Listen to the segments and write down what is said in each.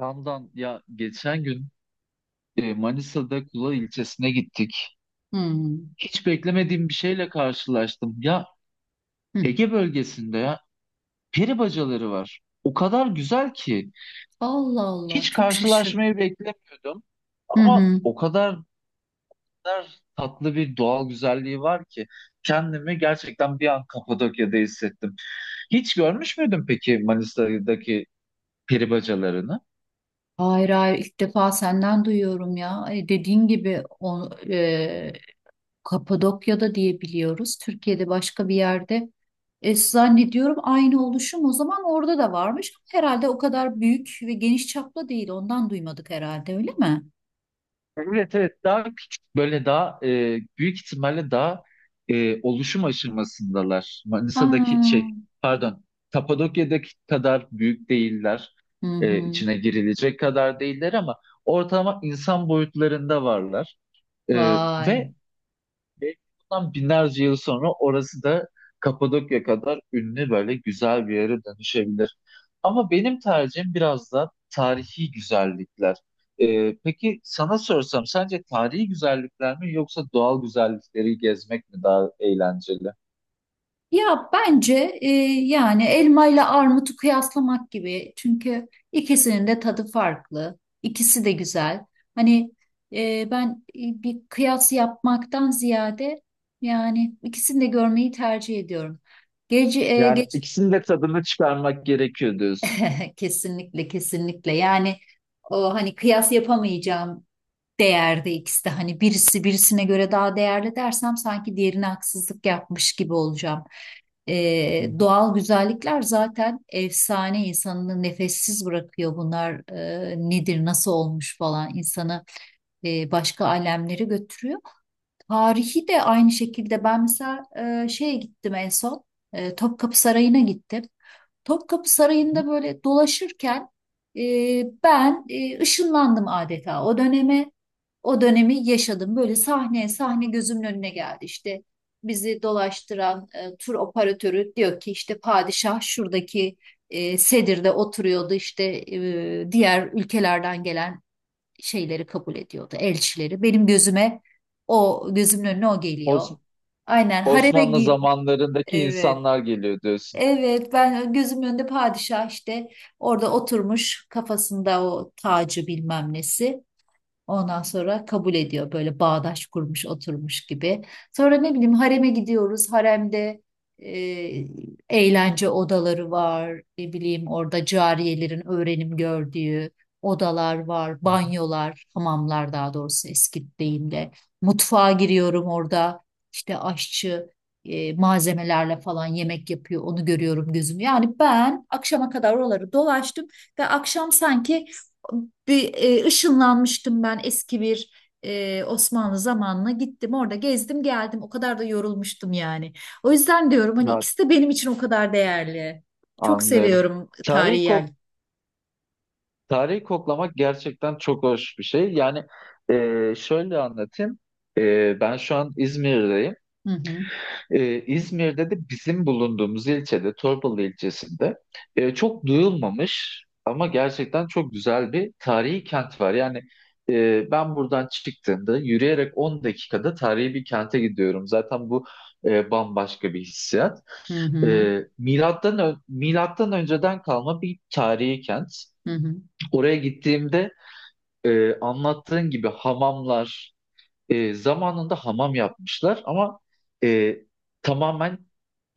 Ramdan ya geçen gün Manisa'da Kula ilçesine gittik. Hmm. Hiç beklemediğim bir şeyle karşılaştım. Ya Hı. Ege bölgesinde ya peri bacaları var. O kadar güzel ki Allah Allah, hiç çok şaşırdım. karşılaşmayı beklemiyordum. Hı Ama hı. o kadar tatlı bir doğal güzelliği var ki kendimi gerçekten bir an Kapadokya'da hissettim. Hiç görmüş müydün peki Manisa'daki peri bacalarını? Hayır hayır, ilk defa senden duyuyorum ya. Dediğin gibi o, Kapadokya'da diye biliyoruz. Türkiye'de başka bir yerde. Zannediyorum aynı oluşum o zaman orada da varmış. Herhalde o kadar büyük ve geniş çaplı değil. Ondan duymadık herhalde, öyle mi? Evet evet, daha küçük böyle, daha büyük ihtimalle daha oluşum aşamasındalar. Manisa'daki şey, Aa. pardon, Kapadokya'daki kadar büyük değiller. Hı hı. İçine girilecek kadar değiller ama ortalama insan boyutlarında varlar. E, Vay. ve Belki bundan binlerce yıl sonra orası da Kapadokya kadar ünlü böyle güzel bir yere dönüşebilir. Ama benim tercihim biraz da tarihi güzellikler. Peki sana sorsam sence tarihi güzellikler mi yoksa doğal güzellikleri gezmek mi daha eğlenceli? Ya bence e, yani elma ile armutu kıyaslamak gibi. Çünkü ikisinin de tadı farklı. İkisi de güzel. Hani ben bir kıyas yapmaktan ziyade yani ikisini de görmeyi tercih ediyorum. Gece Yani geç... ikisinin de tadını çıkarmak gerekiyor diyorsun. Kesinlikle, kesinlikle, yani o hani kıyas yapamayacağım değerde ikisi de, hani birisi birisine göre daha değerli dersem sanki diğerine haksızlık yapmış gibi olacağım. Hı hı. Doğal güzellikler zaten efsane, insanı nefessiz bırakıyor bunlar, nedir nasıl olmuş falan, insanı başka alemlere götürüyor. Tarihi de aynı şekilde. Ben mesela şeye gittim en son, Topkapı Sarayı'na gittim. Topkapı Sarayı'nda böyle dolaşırken e, ben ışınlandım adeta o döneme. O dönemi yaşadım. Böyle sahne sahne gözümün önüne geldi. İşte bizi dolaştıran tur operatörü diyor ki, işte padişah şuradaki sedirde oturuyordu. İşte diğer ülkelerden gelen şeyleri kabul ediyordu, elçileri. Benim gözüme, o, gözümün önüne o geliyor. Os- Aynen. Osmanlı zamanlarındaki Evet. insanlar geliyor diyorsun. Evet, ben gözümün önünde padişah işte orada oturmuş, kafasında o tacı bilmem nesi. Ondan sonra kabul ediyor, böyle bağdaş kurmuş oturmuş gibi. Sonra ne bileyim, hareme gidiyoruz. Haremde e, eğlence odaları var. Ne bileyim, orada cariyelerin öğrenim gördüğü odalar var. Banyolar, hamamlar, daha doğrusu eski deyimle. Mutfağa giriyorum orada. İşte aşçı malzemelerle falan yemek yapıyor. Onu görüyorum gözüm. Yani ben akşama kadar oraları dolaştım ve akşam sanki bir ışınlanmıştım, ben eski bir Osmanlı zamanına gittim, orada gezdim geldim, o kadar da yorulmuştum yani. O yüzden diyorum hani Ya, ikisi de benim için o kadar değerli. Çok anlıyorum. seviyorum tarihi Tarihi yer. ko- Tarihi koklamak gerçekten çok hoş bir şey. Yani, şöyle anlatayım. Ben şu an İzmir'deyim. Hı hı. İzmir'de de bizim bulunduğumuz ilçede, Torbalı ilçesinde çok duyulmamış ama gerçekten çok güzel bir tarihi kent var. Yani ben buradan çıktığımda yürüyerek 10 dakikada tarihi bir kente gidiyorum. Zaten bu bambaşka bir hissiyat. Hı hı. E, Milattan önceden kalma bir tarihi kent. Hı hı. Oraya gittiğimde anlattığın gibi hamamlar, zamanında hamam yapmışlar ama e, tamamen,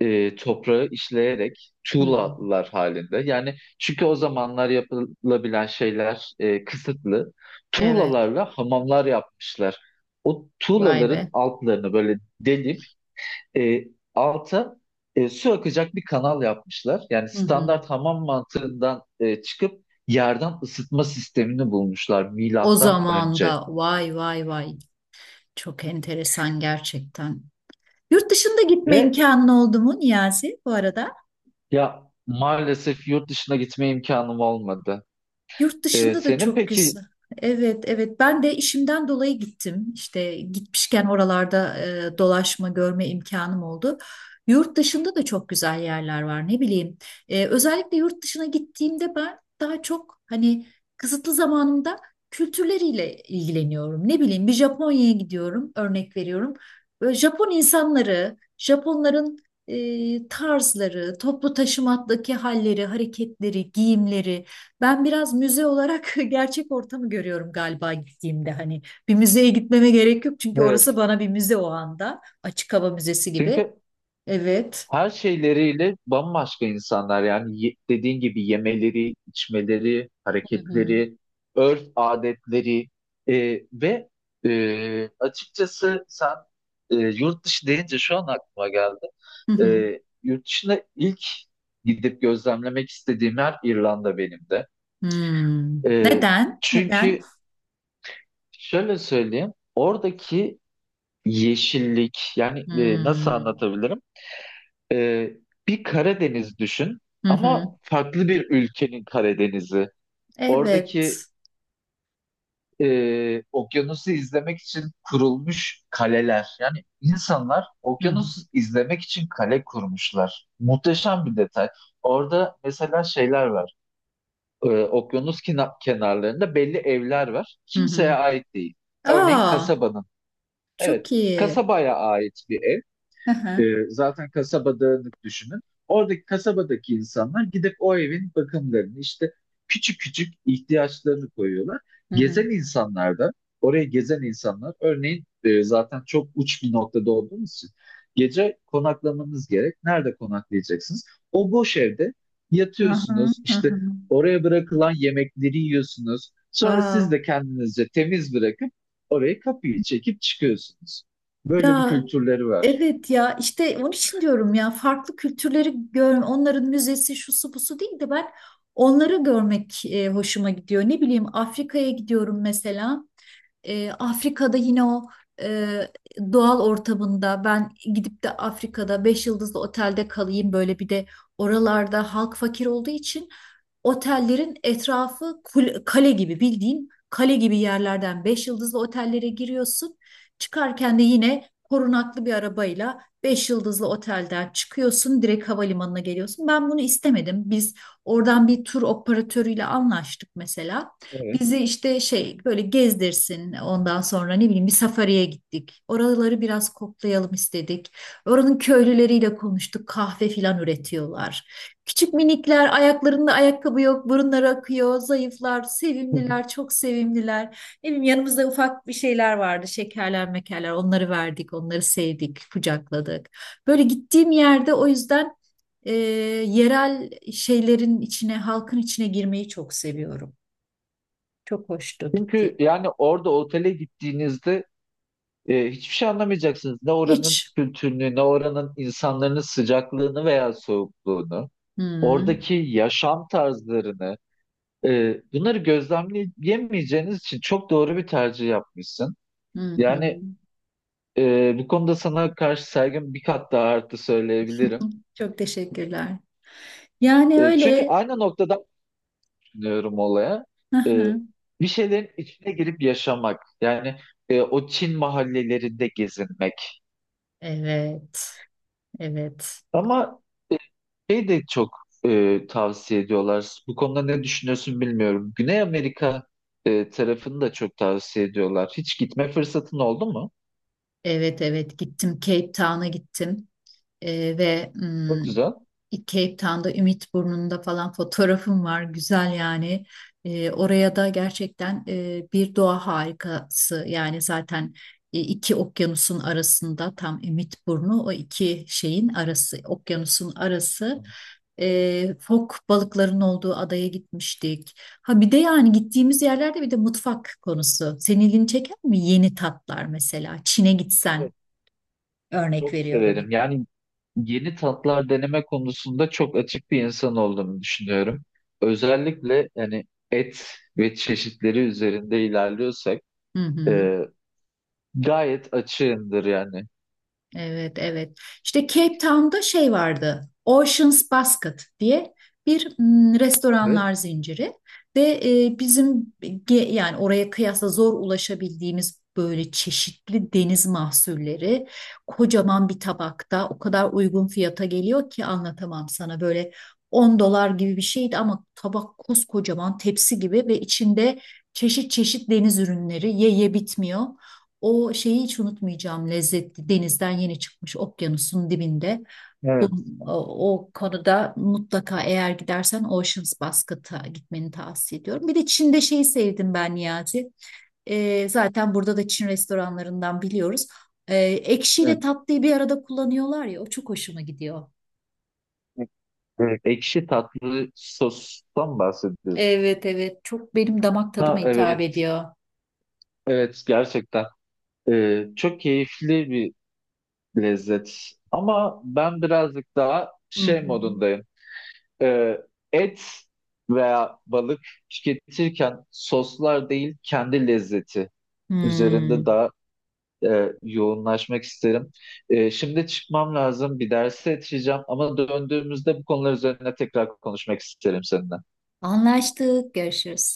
toprağı işleyerek, Hı hı. tuğlalar halinde. Yani çünkü o zamanlar yapılabilen şeyler kısıtlı. Evet. Tuğlalarla hamamlar yapmışlar. O Vay tuğlaların be. altlarını böyle delip e, alta su akacak bir kanal yapmışlar. Yani Hı hı. standart hamam mantığından çıkıp yerden ısıtma sistemini bulmuşlar O milattan zaman önce. da vay vay vay, çok enteresan gerçekten. Yurt dışında gitme Ve imkanın oldu mu Niyazi, bu arada? ya maalesef yurt dışına gitme imkanım olmadı. Yurt dışında da Senin çok peki güzel. Evet, evet. Ben de işimden dolayı gittim. İşte gitmişken oralarda dolaşma, görme imkanım oldu. Yurt dışında da çok güzel yerler var. Ne bileyim. Özellikle yurt dışına gittiğimde ben daha çok, hani kısıtlı zamanımda, kültürleriyle ilgileniyorum. Ne bileyim, bir Japonya'ya gidiyorum, örnek veriyorum. Böyle Japon insanları, Japonların tarzları, toplu taşımadaki halleri, hareketleri, giyimleri. Ben biraz müze olarak gerçek ortamı görüyorum galiba gittiğimde. Hani bir müzeye gitmeme gerek yok, çünkü orası evet bana bir müze o anda. Açık hava müzesi gibi. çünkü Evet. her şeyleriyle bambaşka insanlar. Yani dediğin gibi yemeleri, içmeleri, Hı hı. hareketleri, örf adetleri e, ve açıkçası sen, yurt dışı deyince şu an aklıma geldi. Hı E, hı. Yurt dışına ilk gidip gözlemlemek istediğim yer İrlanda benim de. Hmm. E, Neden? Neden? Çünkü şöyle söyleyeyim: oradaki yeşillik, yani nasıl Hmm. anlatabilirim? Ee, Bir Karadeniz düşün Hı hı. ama farklı bir ülkenin Karadeniz'i. Oradaki Evet. Okyanusu izlemek için kurulmuş kaleler. Yani insanlar Hı hı. okyanusu izlemek için kale kurmuşlar. Muhteşem bir detay. Orada mesela şeyler var. Okyanus kenarlarında belli evler var. Hı Kimseye hı. ait değil. Örneğin Aa, kasabanın. Evet, çok iyi. kasabaya ait bir ev. Hı E, hı. Zaten kasaba dağınık, düşünün. Oradaki kasabadaki insanlar gidip o evin bakımlarını, işte küçük küçük ihtiyaçlarını koyuyorlar. Hı hı. Gezen insanlar da, oraya gezen insanlar örneğin, zaten çok uç bir noktada olduğumuz için gece konaklamanız gerek. Nerede konaklayacaksınız? O boş evde Hı hı. yatıyorsunuz, Hı hı. işte oraya bırakılan yemekleri yiyorsunuz. Sonra siz Wow. de kendinizce temiz bırakıp orayı, kapıyı çekip çıkıyorsunuz. Böyle bir Ya, kültürleri var. evet ya, işte onun için diyorum ya, farklı kültürleri gör, onların müzesi şusu busu değil de, ben onları görmek hoşuma gidiyor. Ne bileyim Afrika'ya gidiyorum mesela. Afrika'da yine o e, doğal ortamında, ben gidip de Afrika'da 5 yıldızlı otelde kalayım böyle. Bir de oralarda halk fakir olduğu için otellerin etrafı kale gibi, bildiğin kale gibi yerlerden 5 yıldızlı otellere giriyorsun. Çıkarken de yine korunaklı bir arabayla 5 yıldızlı otelden çıkıyorsun, direkt havalimanına geliyorsun. Ben bunu istemedim. Biz oradan bir tur operatörüyle anlaştık mesela. Evet. Bizi işte şey böyle gezdirsin, ondan sonra ne bileyim bir safariye gittik. Oraları biraz koklayalım istedik. Oranın köylüleriyle konuştuk. Kahve filan üretiyorlar. Küçük minikler, ayaklarında ayakkabı yok, burunları akıyor, zayıflar, sevimliler, çok sevimliler. Ne bileyim, yanımızda ufak bir şeyler vardı. Şekerler, mekerler, onları verdik, onları sevdik, kucakladık. Böyle gittiğim yerde o yüzden e, yerel şeylerin içine, halkın içine girmeyi çok seviyorum. Çok hoştu, gitti. Çünkü yani orada otele gittiğinizde hiçbir şey anlamayacaksınız. Ne oranın Hiç. kültürünü, ne oranın insanların sıcaklığını veya soğukluğunu, Hı oradaki yaşam tarzlarını, bunları gözlemleyemeyeceğiniz için çok doğru bir tercih yapmışsın. hı. Hı. Yani bu konuda sana karşı saygım bir kat daha arttı söyleyebilirim. Çok teşekkürler. Yani Çünkü öyle. aynı noktadan düşünüyorum olaya. Hı hı. E, Bir şeylerin içine girip yaşamak. Yani o Çin mahallelerinde gezinmek. Evet. Evet. Ama şey de çok tavsiye ediyorlar. Bu konuda ne düşünüyorsun bilmiyorum. Güney Amerika tarafını da çok tavsiye ediyorlar. Hiç gitme fırsatın oldu mu? Evet evet, gittim, Cape Town'a gittim. Ve Çok güzel. Cape Town'da Ümit Burnu'nda falan fotoğrafım var. Güzel yani. Oraya da gerçekten bir doğa harikası. Yani zaten iki okyanusun arasında tam Ümit Burnu, o iki şeyin arası, okyanusun arası. Fok balıkların olduğu adaya gitmiştik. Ha bir de, yani gittiğimiz yerlerde bir de mutfak konusu. Senin ilgini çeker mi? Yeni tatlar mesela. Çin'e gitsen, Evet, örnek çok veriyorum. severim. Yani yeni tatlar deneme konusunda çok açık bir insan olduğumu düşünüyorum. Özellikle yani et ve çeşitleri üzerinde ilerliyorsak Hı hı. e, gayet açığımdır yani. Evet, evet. İşte Cape Town'da şey vardı, Ocean's Basket diye bir Evet. restoranlar zinciri. Ve bizim yani oraya kıyasla zor ulaşabildiğimiz böyle çeşitli deniz mahsulleri kocaman bir tabakta o kadar uygun fiyata geliyor ki, anlatamam sana. Böyle 10 dolar gibi bir şeydi, ama tabak koskocaman, tepsi gibi, ve içinde çeşit çeşit deniz ürünleri, ye ye bitmiyor. O şeyi hiç unutmayacağım, lezzetli, denizden yeni çıkmış, okyanusun dibinde. Bu, Evet, o konuda mutlaka eğer gidersen Ocean's Basket'a gitmeni tavsiye ediyorum. Bir de Çin'de şeyi sevdim ben Niyazi. Zaten burada da Çin restoranlarından biliyoruz. Evet. Ekşiyle tatlıyı bir arada kullanıyorlar ya, o çok hoşuma gidiyor. Ekşi tatlı sostan bahsediyorsun. Evet evet, çok benim damak tadıma Ha hitap evet, ediyor. evet, gerçekten çok keyifli bir lezzet. Ama ben birazcık daha Hı şey hı. modundayım. Ee, Et veya balık tüketirken soslar değil kendi lezzeti Hmm. üzerinde daha yoğunlaşmak isterim. Şimdi çıkmam lazım, bir derse yetişeceğim ama döndüğümüzde bu konular üzerine tekrar konuşmak isterim seninle. Anlaştık. Görüşürüz.